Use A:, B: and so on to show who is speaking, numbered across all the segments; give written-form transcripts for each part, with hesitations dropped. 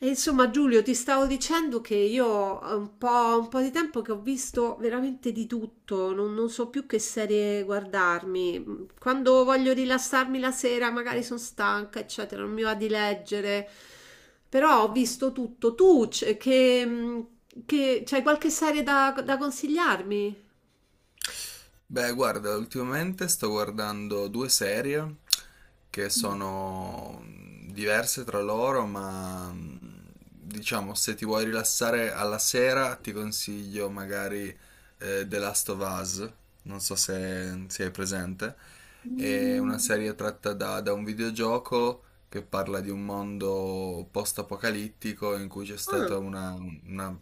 A: E insomma, Giulio, ti stavo dicendo che io ho un po' di tempo che ho visto veramente di tutto, non so più che serie guardarmi. Quando voglio rilassarmi la sera, magari sono stanca, eccetera, non mi va di leggere. Però ho visto tutto. Tu, c'hai qualche serie da consigliarmi?
B: Beh, guarda, ultimamente sto guardando due serie che
A: Mm.
B: sono diverse tra loro, diciamo se ti vuoi rilassare alla sera ti consiglio magari The Last of Us, non so se è presente, è una
A: Mm.
B: serie tratta da un videogioco che parla di un mondo post-apocalittico in cui c'è
A: Ah,
B: una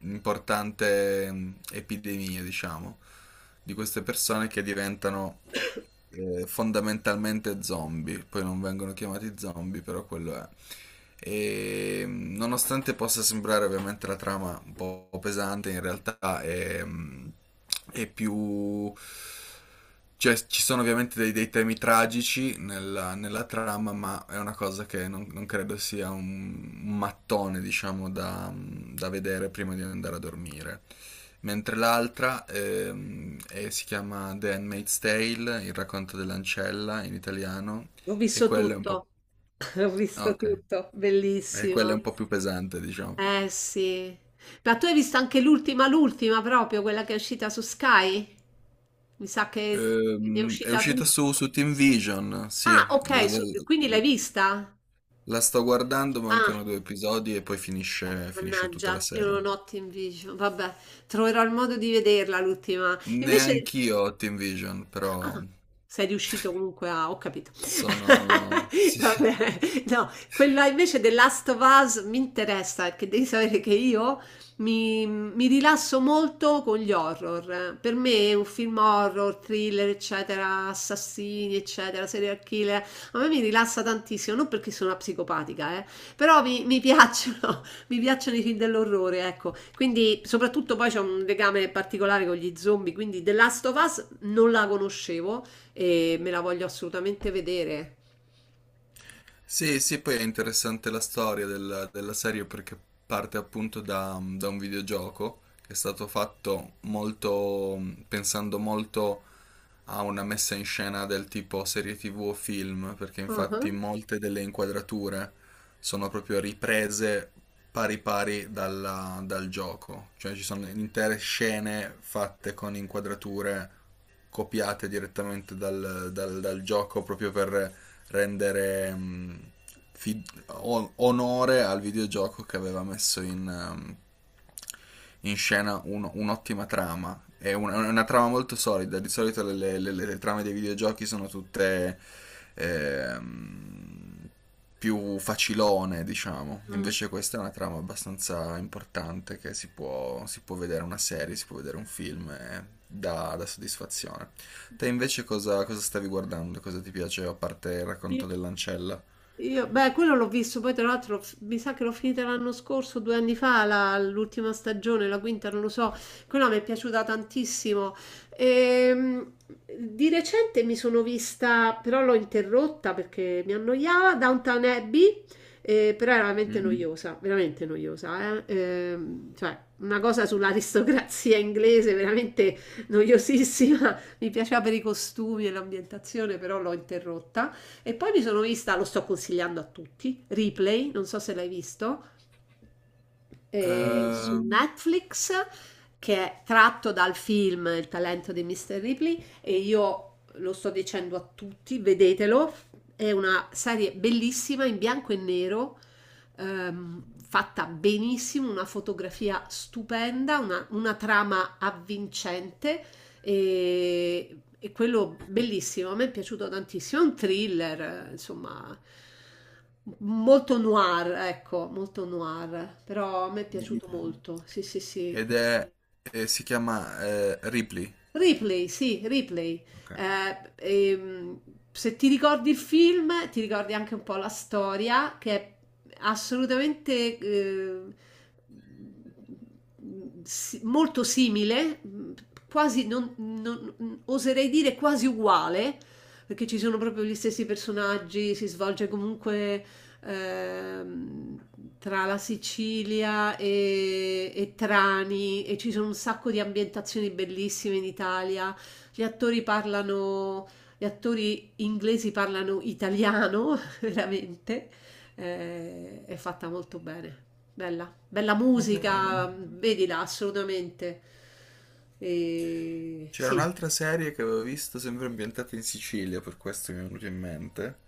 B: importante epidemia, diciamo, di queste persone che diventano fondamentalmente zombie, poi non vengono chiamati zombie, però quello è. E nonostante possa sembrare ovviamente la trama un po' pesante, in realtà è è più... Cioè, ci sono ovviamente dei temi tragici nella trama, ma è una cosa che non credo sia un mattone, diciamo, da vedere prima di andare a dormire mentre l'altra si chiama The Handmaid's Tale, il racconto dell'ancella in italiano,
A: ho
B: e
A: visto
B: quella è un
A: tutto,
B: po'...
A: ho
B: Ah,
A: visto
B: ok,
A: tutto,
B: e quella è
A: bellissimo.
B: un po' più pesante, diciamo.
A: Eh sì. Ma tu hai visto anche l'ultima proprio, quella che è uscita su Sky? Mi sa che ne è
B: È
A: uscita
B: uscita
A: l'ultima.
B: su Team Vision, sì,
A: Ah,
B: la,
A: ok, quindi l'hai
B: la-
A: vista?
B: la sto guardando,
A: Ah,
B: mancano due episodi e poi finisce, finisce tutta la
A: mannaggia, io
B: serie.
A: non ho Team Vision. Vabbè, troverò il modo di vederla l'ultima. Invece
B: Neanch'io ho Team Vision, però
A: ah, sei riuscito comunque a ho capito.
B: sono...
A: Va bene. No,
B: Sì.
A: quella invece The Last of Us mi interessa, perché devi sapere che io mi rilasso molto con gli horror. Per me un film horror, thriller, eccetera, assassini, eccetera, serial killer, a me mi rilassa tantissimo, non perché sono una psicopatica, però mi piacciono, mi piacciono i film dell'orrore, ecco. Quindi, soprattutto poi c'è un legame particolare con gli zombie, quindi The Last of Us non la conoscevo e me la voglio assolutamente vedere.
B: Sì, sì, poi è interessante la storia della serie perché parte appunto da un videogioco che è stato fatto molto, pensando molto a una messa in scena del tipo serie TV o film, perché
A: Ah-ah.
B: infatti molte delle inquadrature sono proprio riprese pari pari dal gioco, cioè ci sono intere scene fatte con inquadrature copiate direttamente dal gioco proprio per rendere onore al videogioco che aveva messo in, um, in scena un'ottima trama. È una trama molto solida. Di solito le trame dei videogiochi sono tutte ehm, più facilone, diciamo.
A: Mm.
B: Invece questa è una trama abbastanza importante che si si può vedere una serie, si può vedere un film e dà soddisfazione. Te invece cosa stavi guardando? Cosa ti piace a parte il racconto
A: Sì.
B: dell'ancella?
A: Io, beh, quello l'ho visto, poi tra l'altro mi sa che l'ho finita l'anno scorso, due anni fa, l'ultima stagione, la quinta, non lo so, quella mi è piaciuta tantissimo. Ehm, di recente mi sono vista, però l'ho interrotta perché mi annoiava, Downton Abbey, però era veramente mm,
B: Mm?
A: noiosa, veramente noiosa, eh. Cioè una cosa sull'aristocrazia inglese, veramente noiosissima, mi piaceva per i costumi e l'ambientazione, però l'ho interrotta. E poi mi sono vista, lo sto consigliando a tutti, Replay, non so se l'hai visto, su
B: Eh,
A: Netflix, che è tratto dal film Il talento di Mr. Ripley e io lo sto dicendo a tutti, vedetelo, è una serie bellissima in bianco e nero, fatta benissimo, una fotografia stupenda, una trama avvincente e quello bellissimo, a me è piaciuto tantissimo, è un thriller, insomma, molto noir, ecco, molto noir, però a me è piaciuto molto, sì, sì, sì.
B: ed è si chiama Ripley.
A: Ripley, sì, Ripley.
B: Ok.
A: Eh, ehm, se ti ricordi il film, ti ricordi anche un po' la storia, che è assolutamente molto simile, quasi, oserei dire quasi uguale perché ci sono proprio gli stessi personaggi, si svolge comunque ehm, tra la Sicilia e Trani e ci sono un sacco di ambientazioni bellissime in Italia. Gli attori parlano, gli attori inglesi parlano italiano, veramente. È fatta molto bene. Bella, bella
B: Ok.
A: musica, vedila assolutamente.
B: C'era
A: Sì,
B: un'altra serie che avevo visto sempre ambientata in Sicilia, per questo mi è venuto in mente.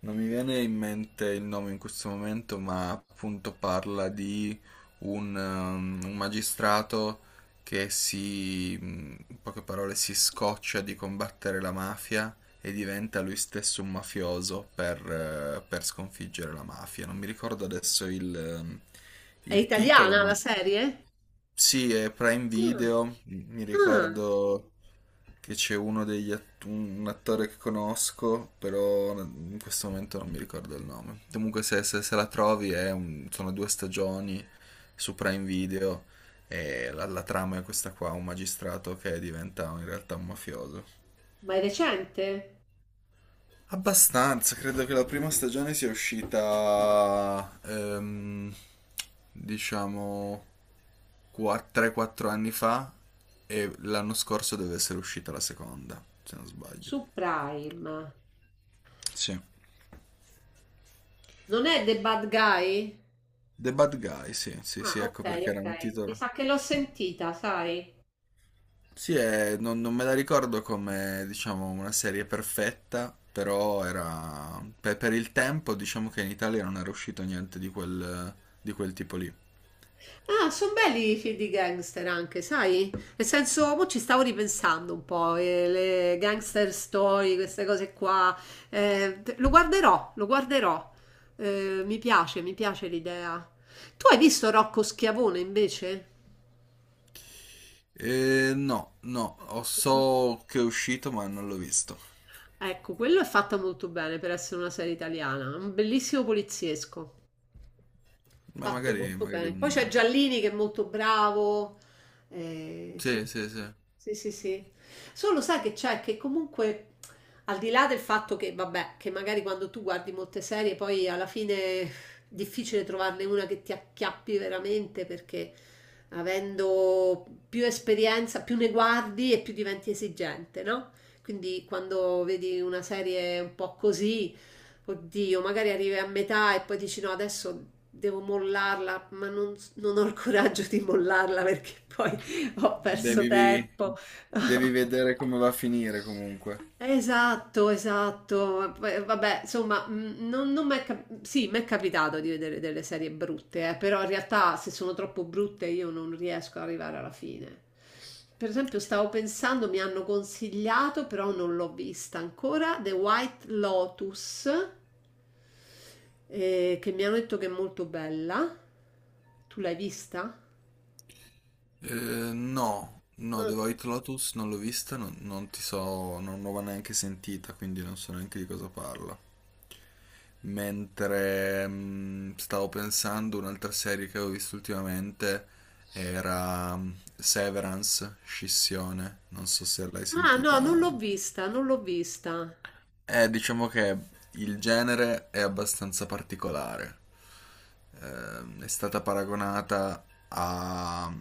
B: Non mi viene in mente il nome in questo momento, ma appunto parla di un magistrato in poche parole, si scoccia di combattere la mafia e diventa lui stesso un mafioso per sconfiggere la mafia. Non mi ricordo adesso il
A: è
B: il titolo,
A: italiana la
B: ma...
A: serie?
B: Sì, è Prime
A: Ah,
B: Video, mi
A: ah,
B: ricordo che c'è uno un attore che conosco, però in questo momento non mi ricordo il nome. Comunque se la trovi è sono due stagioni su Prime Video e la trama è questa qua, un magistrato che diventa in realtà un mafioso.
A: ma è recente?
B: Abbastanza, credo che la prima stagione sia uscita, diciamo, qua- 3-4 anni fa e l'anno scorso deve essere uscita la seconda, se non sbaglio.
A: Su Prime.
B: Sì.
A: Non è The Bad Guy?
B: The Bad Guy, sì, sì,
A: Ah,
B: sì,
A: ok,
B: ecco perché era un
A: ok. Mi
B: titolo.
A: sa che l'ho sentita, sai?
B: Sì, è- non me la ricordo come, diciamo, una serie perfetta, però era... per il tempo, diciamo che in Italia non era uscito niente di quel, di quel tipo lì.
A: Ah, sono belli i film di gangster anche, sai? Nel senso, mo ci stavo ripensando un po', le gangster story, queste cose qua. Lo guarderò, lo guarderò. Mi piace l'idea. Tu hai visto Rocco Schiavone invece?
B: No, no, ho- so che è uscito ma non l'ho visto.
A: Ecco, quello è fatta molto bene per essere una serie italiana, un bellissimo poliziesco.
B: Ma
A: Fatto
B: magari,
A: molto
B: magari
A: bene. Poi c'è
B: un...
A: Giallini che è molto bravo. Eh, sì,
B: Sì, sì,
A: sì,
B: sì.
A: sì, sì, sì. Solo sai che c'è che comunque, al di là del fatto che, vabbè, che magari quando tu guardi molte serie, poi alla fine è difficile trovarne una che ti acchiappi veramente perché avendo più esperienza, più ne guardi e più diventi esigente, no? Quindi quando vedi una serie un po' così oddio, magari arrivi a metà e poi dici no, adesso devo mollarla, ma non ho il coraggio di mollarla perché poi ho perso
B: Devi,
A: tempo.
B: devi vedere come va a finire comunque.
A: Esatto, esatto. Poi, vabbè, insomma, non, non m'è cap- sì, mi è capitato di vedere delle serie brutte, però in realtà se sono troppo brutte io non riesco ad arrivare alla fine. Per esempio, stavo pensando, mi hanno consigliato, però non l'ho vista ancora, The White Lotus, che mi hanno detto che è molto bella. Tu l'hai vista?
B: Eh, no, no, The
A: Ah,
B: White Lotus non l'ho vista, non ti so, non l'ho neanche sentita, quindi non so neanche di cosa parla. Mentre stavo pensando, un'altra serie che avevo visto ultimamente era Severance, Scissione, non so se l'hai
A: ah, no,
B: sentita.
A: non l'ho vista, non l'ho vista.
B: Diciamo che il genere è abbastanza particolare. È stata paragonata a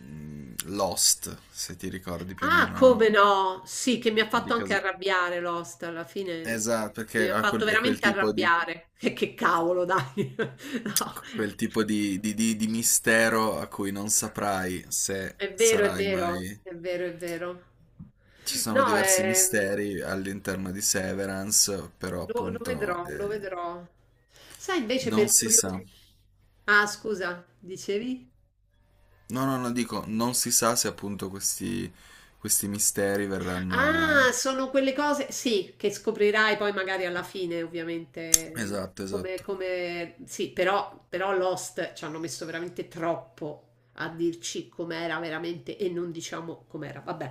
B: Lost, se ti ricordi più o
A: Ah,
B: meno
A: come no? Sì, che mi ha
B: di
A: fatto anche
B: cosa.
A: arrabbiare Lost, alla fine
B: Esatto,
A: mi
B: perché
A: ha
B: ha
A: fatto
B: quel- è quel
A: veramente
B: tipo di...
A: arrabbiare. E che cavolo, dai. No,
B: Quel tipo di mistero a cui non saprai se
A: è vero, è
B: sarai
A: vero,
B: mai...
A: è vero, è vero.
B: Ci sono
A: No,
B: diversi misteri all'interno di Severance, però
A: lo, lo
B: appunto
A: vedrò, lo vedrò. Sai, invece
B: non
A: per
B: si sa.
A: curiosità... Ah, scusa, dicevi?
B: No, no, no, dico, non si sa se appunto questi misteri
A: Ah,
B: verranno...
A: sono quelle cose, sì, che scoprirai poi magari alla fine, ovviamente,
B: Esatto,
A: come,
B: esatto.
A: come... Sì, però, però Lost ci hanno messo veramente troppo a dirci com'era veramente e non diciamo com'era. Vabbè,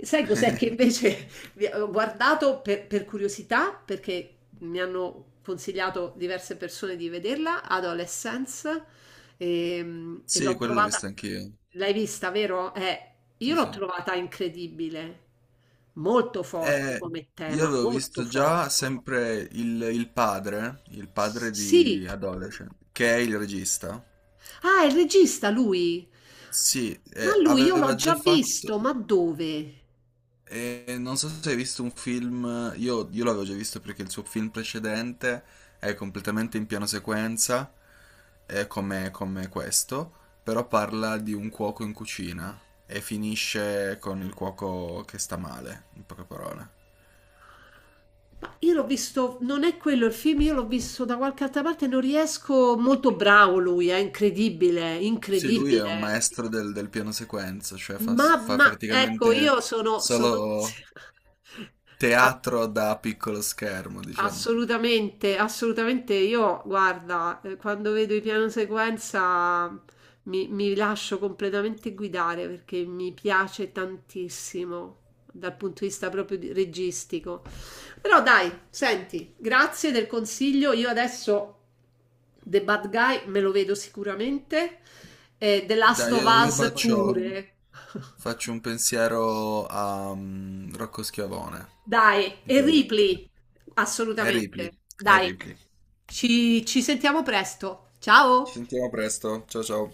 A: sai cos'è che invece ho guardato per curiosità, perché mi hanno consigliato diverse persone di vederla, Adolescence, e
B: Sì,
A: l'ho
B: quello l'ho visto
A: trovata,
B: anch'io.
A: l'hai vista, vero? Io
B: Sì,
A: l'ho
B: sì.
A: trovata incredibile, molto forte
B: Eh,
A: come
B: io
A: tema,
B: avevo
A: molto
B: visto già
A: forte.
B: sempre il padre
A: Sì.
B: di Adolescent, che è il regista.
A: Ah, è il regista lui.
B: Sì,
A: Ma lui io l'ho
B: aveva già
A: già visto,
B: fatto,
A: ma dove?
B: non so se hai visto un film, io l'avevo già visto perché il suo film precedente è completamente in piano sequenza, come, come questo, però parla di un cuoco in cucina e finisce con il cuoco che sta male, in poche parole.
A: Ma io l'ho visto, non è quello il film, io l'ho visto da qualche altra parte, non riesco, molto bravo lui, è incredibile,
B: Sì, lui è un
A: incredibile.
B: maestro del piano sequenza, cioè fa
A: Ma ecco,
B: praticamente
A: io sono, sono...
B: solo
A: a-
B: teatro da piccolo schermo, diciamo.
A: Assolutamente, assolutamente. Io, guarda, quando vedo i piano sequenza mi lascio completamente guidare perché mi piace tantissimo dal punto di vista proprio registico. Però dai, senti, grazie del consiglio. Io adesso The Bad Guy me lo vedo sicuramente e The Last
B: Dai,
A: of Bello,
B: io
A: Us facciamo
B: faccio,
A: pure.
B: faccio un pensiero a Rocco Schiavone.
A: Dai,
B: Di
A: e
B: quello.
A: Ripley,
B: È Ripley,
A: assolutamente.
B: è
A: Dai,
B: Ripley.
A: ci sentiamo presto.
B: Ci
A: Ciao!
B: sentiamo presto, ciao ciao.